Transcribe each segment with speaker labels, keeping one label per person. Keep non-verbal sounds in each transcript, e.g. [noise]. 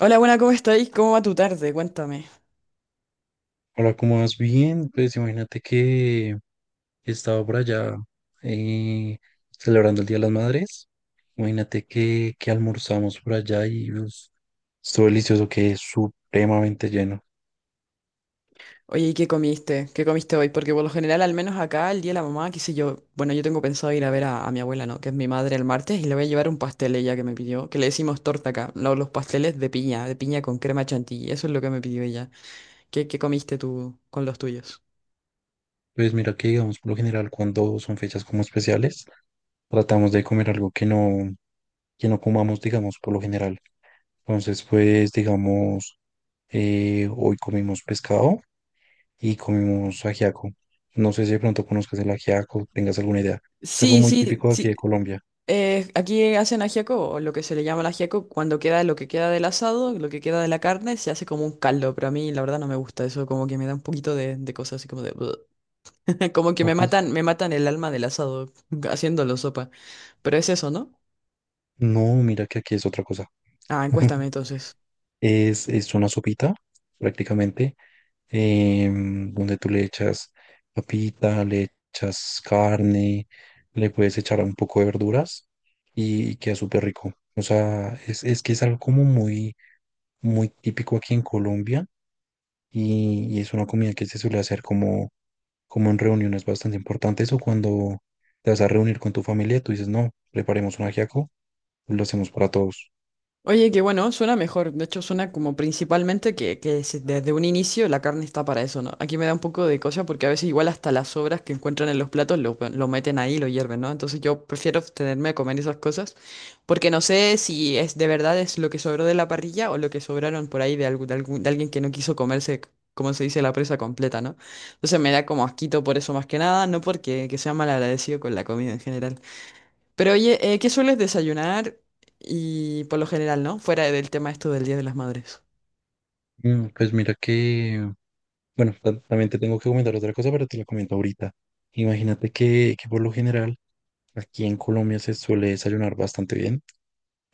Speaker 1: Hola, buena, ¿cómo estáis? ¿Cómo va tu tarde? Cuéntame.
Speaker 2: Hola, ¿cómo vas? Bien, pues imagínate que estaba por allá eh, celebrando el Día de las Madres. Imagínate que almorzamos por allá y pues, estuvo delicioso, que es supremamente lleno.
Speaker 1: Oye, ¿y qué comiste? ¿Qué comiste hoy? Porque por lo general, al menos acá, el día de la mamá, qué sé yo, bueno, yo tengo pensado ir a ver a mi abuela, ¿no? Que es mi madre el martes, y le voy a llevar un pastel ella que me pidió, que le decimos torta acá, no, los pasteles de piña con crema chantilly, eso es lo que me pidió ella. ¿Qué comiste tú con los tuyos?
Speaker 2: Pues mira que digamos, por lo general, cuando son fechas como especiales, tratamos de comer algo que no comamos, digamos, por lo general. Entonces, pues digamos, hoy comimos pescado y comimos ajiaco. No sé si de pronto conozcas el ajiaco, tengas alguna idea. Es algo
Speaker 1: Sí,
Speaker 2: muy
Speaker 1: sí,
Speaker 2: típico de aquí
Speaker 1: sí.
Speaker 2: de Colombia.
Speaker 1: Aquí hacen ajiaco, o lo que se le llama el ajiaco, cuando queda lo que queda del asado, lo que queda de la carne, se hace como un caldo, pero a mí la verdad no me gusta eso, como que me da un poquito de cosas así como de... [laughs] Como que
Speaker 2: O pues,
Speaker 1: me matan el alma del asado [laughs] haciéndolo sopa. Pero es eso, ¿no?
Speaker 2: no, mira que aquí es otra cosa.
Speaker 1: Ah, encuéstame
Speaker 2: [laughs]
Speaker 1: entonces.
Speaker 2: Es una sopita, prácticamente, donde tú le echas papita, le echas carne, le puedes echar un poco de verduras y queda súper rico. O sea, es que es algo como muy, muy típico aquí en Colombia y es una comida que se suele hacer como en reuniones bastante importantes o cuando te vas a reunir con tu familia, tú dices, no, preparemos un ajiaco, lo hacemos para todos.
Speaker 1: Oye, que bueno, suena mejor. De hecho, suena como principalmente que, desde un inicio la carne está para eso, ¿no? Aquí me da un poco de cosa porque a veces igual hasta las sobras que encuentran en los platos lo meten ahí, lo hierven, ¿no? Entonces yo prefiero tenerme a comer esas cosas porque no sé si es de verdad es lo que sobró de la parrilla o lo que sobraron por ahí de, algún, de, de alguien que no quiso comerse, como se dice, la presa completa, ¿no? Entonces me da como asquito por eso más que nada, no porque que sea malagradecido con la comida en general. Pero oye, ¿qué sueles desayunar? Y por lo general, ¿no? Fuera del tema esto del Día de las Madres.
Speaker 2: Pues mira que bueno, también te tengo que comentar otra cosa, pero te la comento ahorita. Imagínate que por lo general aquí en Colombia se suele desayunar bastante bien,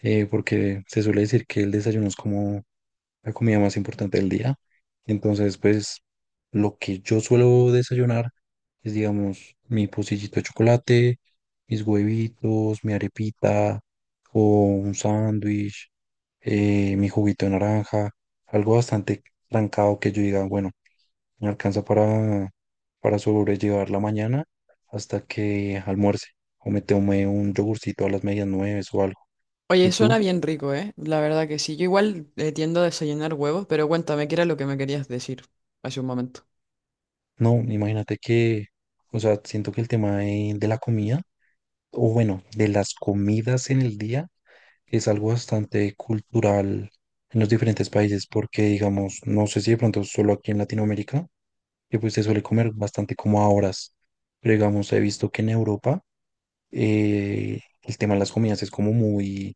Speaker 2: porque se suele decir que el desayuno es como la comida más importante del día. Entonces, pues lo que yo suelo desayunar es, digamos, mi pocillito de chocolate, mis huevitos, mi arepita o un sándwich, mi juguito de naranja, algo bastante trancado que yo diga, bueno. Me alcanza para sobrellevar la mañana hasta que almuerce o me tome un yogurcito a las medias nueve o algo.
Speaker 1: Oye,
Speaker 2: ¿Y
Speaker 1: suena
Speaker 2: tú?
Speaker 1: bien rico, ¿eh? La verdad que sí. Yo igual tiendo a desayunar huevos, pero cuéntame, ¿qué era lo que me querías decir hace un momento?
Speaker 2: No, imagínate que, o sea, siento que el tema de la comida, o bueno, de las comidas en el día, es algo bastante cultural en los diferentes países, porque digamos, no sé si de pronto solo aquí en Latinoamérica, que pues se suele comer bastante como a horas, pero digamos, he visto que en Europa el tema de las comidas es como muy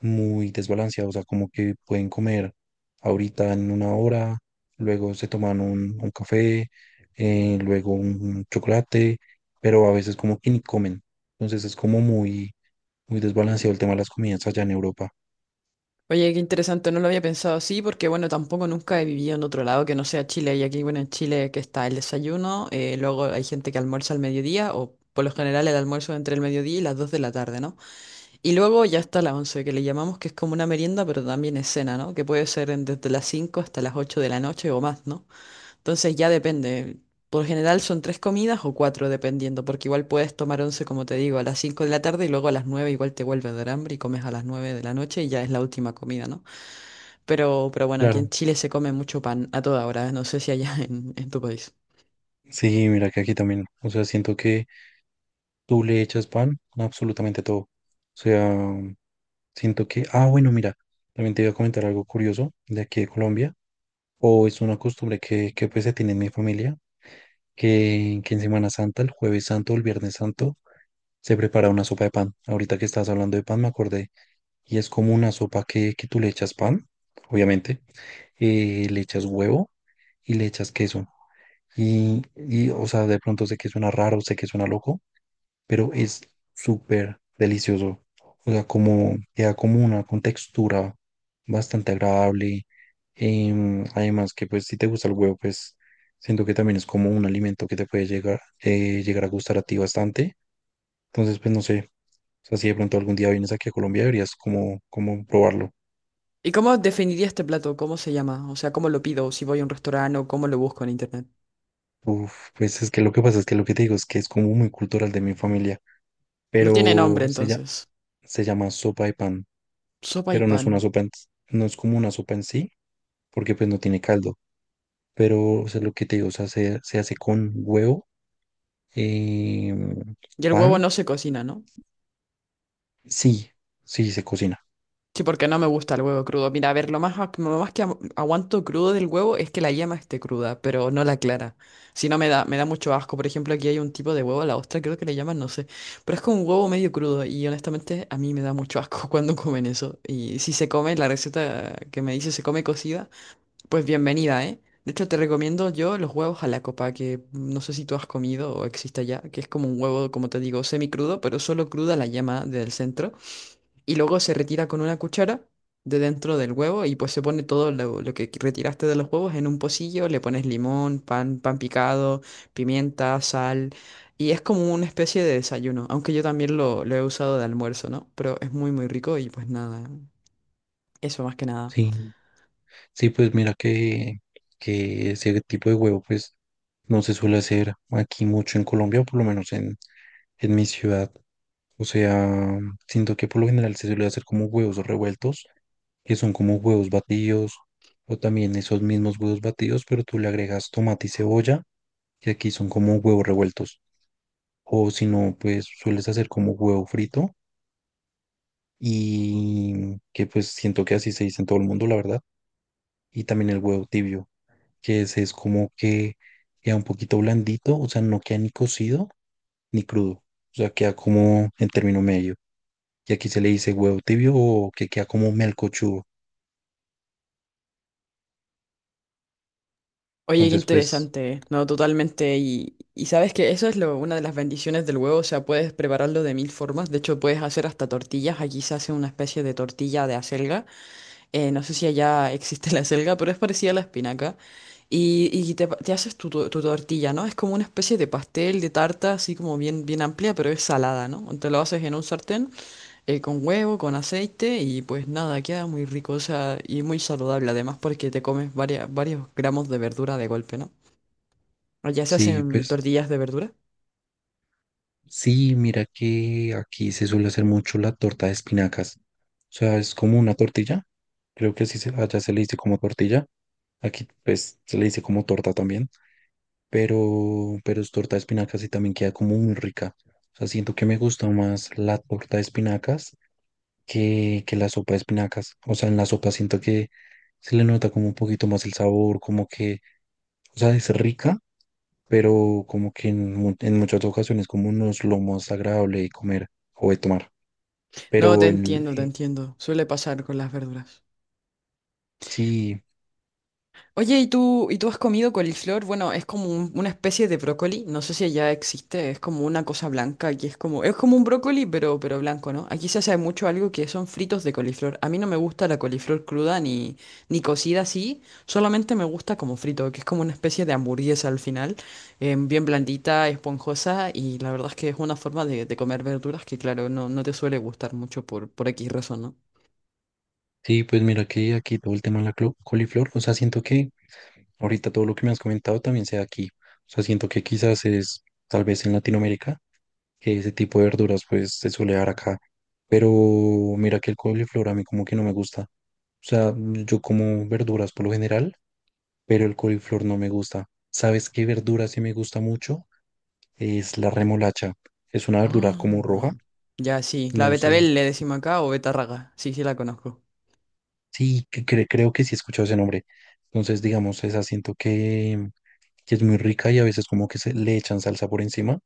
Speaker 2: muy desbalanceado, o sea, como que pueden comer ahorita en una hora, luego se toman un café, luego un chocolate, pero a veces como que ni comen. Entonces es como muy, muy desbalanceado el tema de las comidas allá en Europa.
Speaker 1: Oye, qué interesante, no lo había pensado así, porque bueno, tampoco nunca he vivido en otro lado que no sea Chile. Y aquí, bueno, en Chile que está el desayuno, luego hay gente que almuerza al mediodía, o por lo general el almuerzo entre el mediodía y las 2 de la tarde, ¿no? Y luego ya está la once, que le llamamos que es como una merienda, pero también es cena, ¿no? Que puede ser desde las 5 hasta las 8 de la noche o más, ¿no? Entonces ya depende. Por general son tres comidas o cuatro, dependiendo, porque igual puedes tomar once, como te digo, a las 5 de la tarde y luego a las 9 igual te vuelves de hambre y comes a las 9 de la noche y ya es la última comida, ¿no? Pero bueno, aquí en
Speaker 2: Claro.
Speaker 1: Chile se come mucho pan a toda hora, ¿eh? No sé si allá [laughs] en tu país.
Speaker 2: Sí, mira que aquí también, o sea, siento que tú le echas pan a absolutamente todo. O sea, siento que, ah, bueno, mira, también te iba a comentar algo curioso de aquí de Colombia, o es una costumbre que pues se tiene en mi familia que en Semana Santa, el jueves santo o el viernes santo, se prepara una sopa de pan. Ahorita que estás hablando de pan, me acordé. Y es como una sopa que tú le echas pan, obviamente, le echas huevo y le echas queso. Y, o sea, de pronto sé que suena raro, sé que suena loco, pero es súper delicioso. O sea, como queda como una con textura bastante agradable. Además que pues si te gusta el huevo, pues siento que también es como un alimento que te puede llegar, llegar a gustar a ti bastante. Entonces, pues no sé, o sea, si de pronto algún día vienes aquí a Colombia, deberías como, como probarlo.
Speaker 1: ¿Y cómo definiría este plato? ¿Cómo se llama? O sea, ¿cómo lo pido? ¿Si voy a un restaurante o cómo lo busco en internet?
Speaker 2: Uf, pues es que lo que pasa es que lo que te digo es que es como muy cultural de mi familia,
Speaker 1: No tiene
Speaker 2: pero
Speaker 1: nombre entonces.
Speaker 2: se llama sopa de pan,
Speaker 1: Sopa y
Speaker 2: pero no es una
Speaker 1: pan.
Speaker 2: sopa, no es como una sopa en sí, porque pues no tiene caldo. Pero, o sea, lo que te digo, o sea, se hace con huevo, eh,
Speaker 1: ¿Y el huevo
Speaker 2: pan,
Speaker 1: no se cocina, no?
Speaker 2: sí, sí, se cocina.
Speaker 1: Sí, porque no me gusta el huevo crudo. Mira, a ver, lo más, lo más que aguanto crudo del huevo es que la yema esté cruda, pero no la clara. Si no, me da mucho asco. Por ejemplo, aquí hay un tipo de huevo, la ostra creo que le llaman, no sé. Pero es como un huevo medio crudo y honestamente a mí me da mucho asco [laughs] cuando comen eso. Y si se come, la receta que me dice se come cocida. Pues bienvenida, ¿eh? De hecho, te recomiendo yo los huevos a la copa, que no sé si tú has comido o existe ya, que es como un huevo, como te digo, semicrudo, pero solo cruda la yema del centro. Y luego se retira con una cuchara de dentro del huevo y pues se pone todo lo que retiraste de los huevos en un pocillo, le pones limón, pan, pan picado, pimienta, sal. Y es como una especie de desayuno, aunque yo también lo he usado de almuerzo, ¿no? Pero es muy, muy rico y pues nada, eso más que nada.
Speaker 2: Sí, sí, pues mira que ese tipo de huevo, pues no se suele hacer aquí mucho en Colombia, o por lo menos en mi ciudad. O sea, siento que por lo general se suele hacer como huevos revueltos, que son como huevos batidos, o también esos mismos huevos batidos, pero tú le agregas tomate y cebolla, que aquí son como huevos revueltos. O si no, pues sueles hacer como huevo frito y que pues siento que así se dice en todo el mundo, la verdad. Y también el huevo tibio, que ese es como que queda un poquito blandito, o sea, no queda ni cocido ni crudo, o sea, queda como en término medio. Y aquí se le dice huevo tibio o que queda como melcochudo.
Speaker 1: Oye, qué
Speaker 2: Entonces, pues
Speaker 1: interesante, no, totalmente. Y sabes que eso es lo, una de las bendiciones del huevo, o sea, puedes prepararlo de mil formas. De hecho, puedes hacer hasta tortillas. Aquí se hace una especie de tortilla de acelga. No sé si allá existe [laughs] la acelga, pero es parecida a la espinaca. Y te haces tu, tu tortilla, ¿no? Es como una especie de pastel, de tarta, así como bien, bien amplia, pero es salada, ¿no? Te lo haces en un sartén, con huevo, con aceite y pues nada, queda muy rico, o sea, y muy saludable además porque te comes varias, varios gramos de verdura de golpe, ¿no? Allá se
Speaker 2: sí,
Speaker 1: hacen
Speaker 2: pues
Speaker 1: tortillas de verdura.
Speaker 2: sí, mira que aquí se suele hacer mucho la torta de espinacas. O sea, es como una tortilla. Creo que así se, allá se le dice como tortilla. Aquí pues se le dice como torta también. Pero es torta de espinacas y también queda como muy rica. O sea, siento que me gusta más la torta de espinacas que la sopa de espinacas. O sea, en la sopa siento que se le nota como un poquito más el sabor, como que, o sea, es rica pero como que en, en muchas ocasiones como no es lo más agradable de comer o de tomar.
Speaker 1: No, te
Speaker 2: Pero en,
Speaker 1: entiendo, te entiendo. Suele pasar con las verduras.
Speaker 2: sí,
Speaker 1: Oye, ¿y tú has comido coliflor? Bueno, es como una especie de brócoli, no sé si allá existe, es como una cosa blanca, que es como un brócoli, pero blanco, ¿no? Aquí se hace mucho algo que son fritos de coliflor. A mí no me gusta la coliflor cruda ni, ni cocida así, solamente me gusta como frito, que es como una especie de hamburguesa al final, bien blandita, esponjosa, y la verdad es que es una forma de comer verduras que, claro, no, no te suele gustar mucho por X razón, ¿no?
Speaker 2: sí, pues mira que aquí todo el tema de la coliflor, o sea, siento que ahorita todo lo que me has comentado también sea aquí. O sea, siento que quizás es tal vez en Latinoamérica, que ese tipo de verduras pues se suele dar acá. Pero mira que el coliflor a mí como que no me gusta. O sea, yo como verduras por lo general, pero el coliflor no me gusta. ¿Sabes qué verdura sí me gusta mucho? Es la remolacha. Es una verdura
Speaker 1: Ah,
Speaker 2: como roja,
Speaker 1: no. Ya, sí. La
Speaker 2: no sé.
Speaker 1: betabel le decimos acá o betarraga. Sí, sí la conozco.
Speaker 2: Sí, que creo que sí he escuchado ese nombre. Entonces, digamos, esa siento que es muy rica y a veces como que se le echan salsa por encima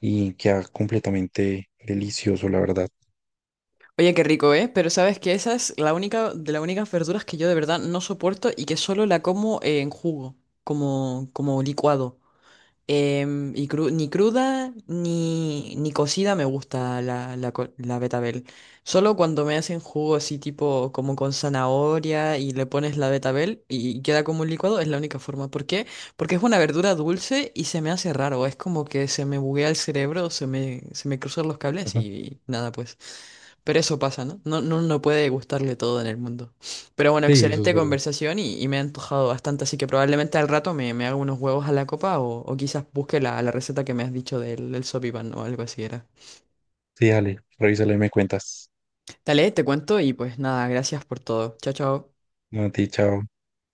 Speaker 2: y queda completamente delicioso, la verdad.
Speaker 1: Oye, qué rico, ¿eh? Pero sabes que esa es la única de las únicas verduras que yo de verdad no soporto y que solo la como en jugo, como, como licuado. Y ni cruda ni, ni cocida me gusta la, la, la betabel. Solo cuando me hacen jugo así tipo como con zanahoria y le pones la betabel y queda como un licuado, es la única forma. ¿Por qué? Porque es una verdura dulce y se me hace raro. Es como que se me buguea el cerebro, se me cruzan los cables
Speaker 2: Ajá.
Speaker 1: y, nada pues. Pero eso pasa, ¿no? No, no, no puede gustarle todo en el mundo. Pero bueno,
Speaker 2: Sí, eso es
Speaker 1: excelente
Speaker 2: verdad.
Speaker 1: conversación y me ha antojado bastante, así que probablemente al rato me, me hago unos huevos a la copa o quizás busque la, la receta que me has dicho del, del sopipan o algo así era.
Speaker 2: Sí, dale, revísala y me cuentas.
Speaker 1: Dale, te cuento y pues nada, gracias por todo. Chao, chao.
Speaker 2: A ti, chao.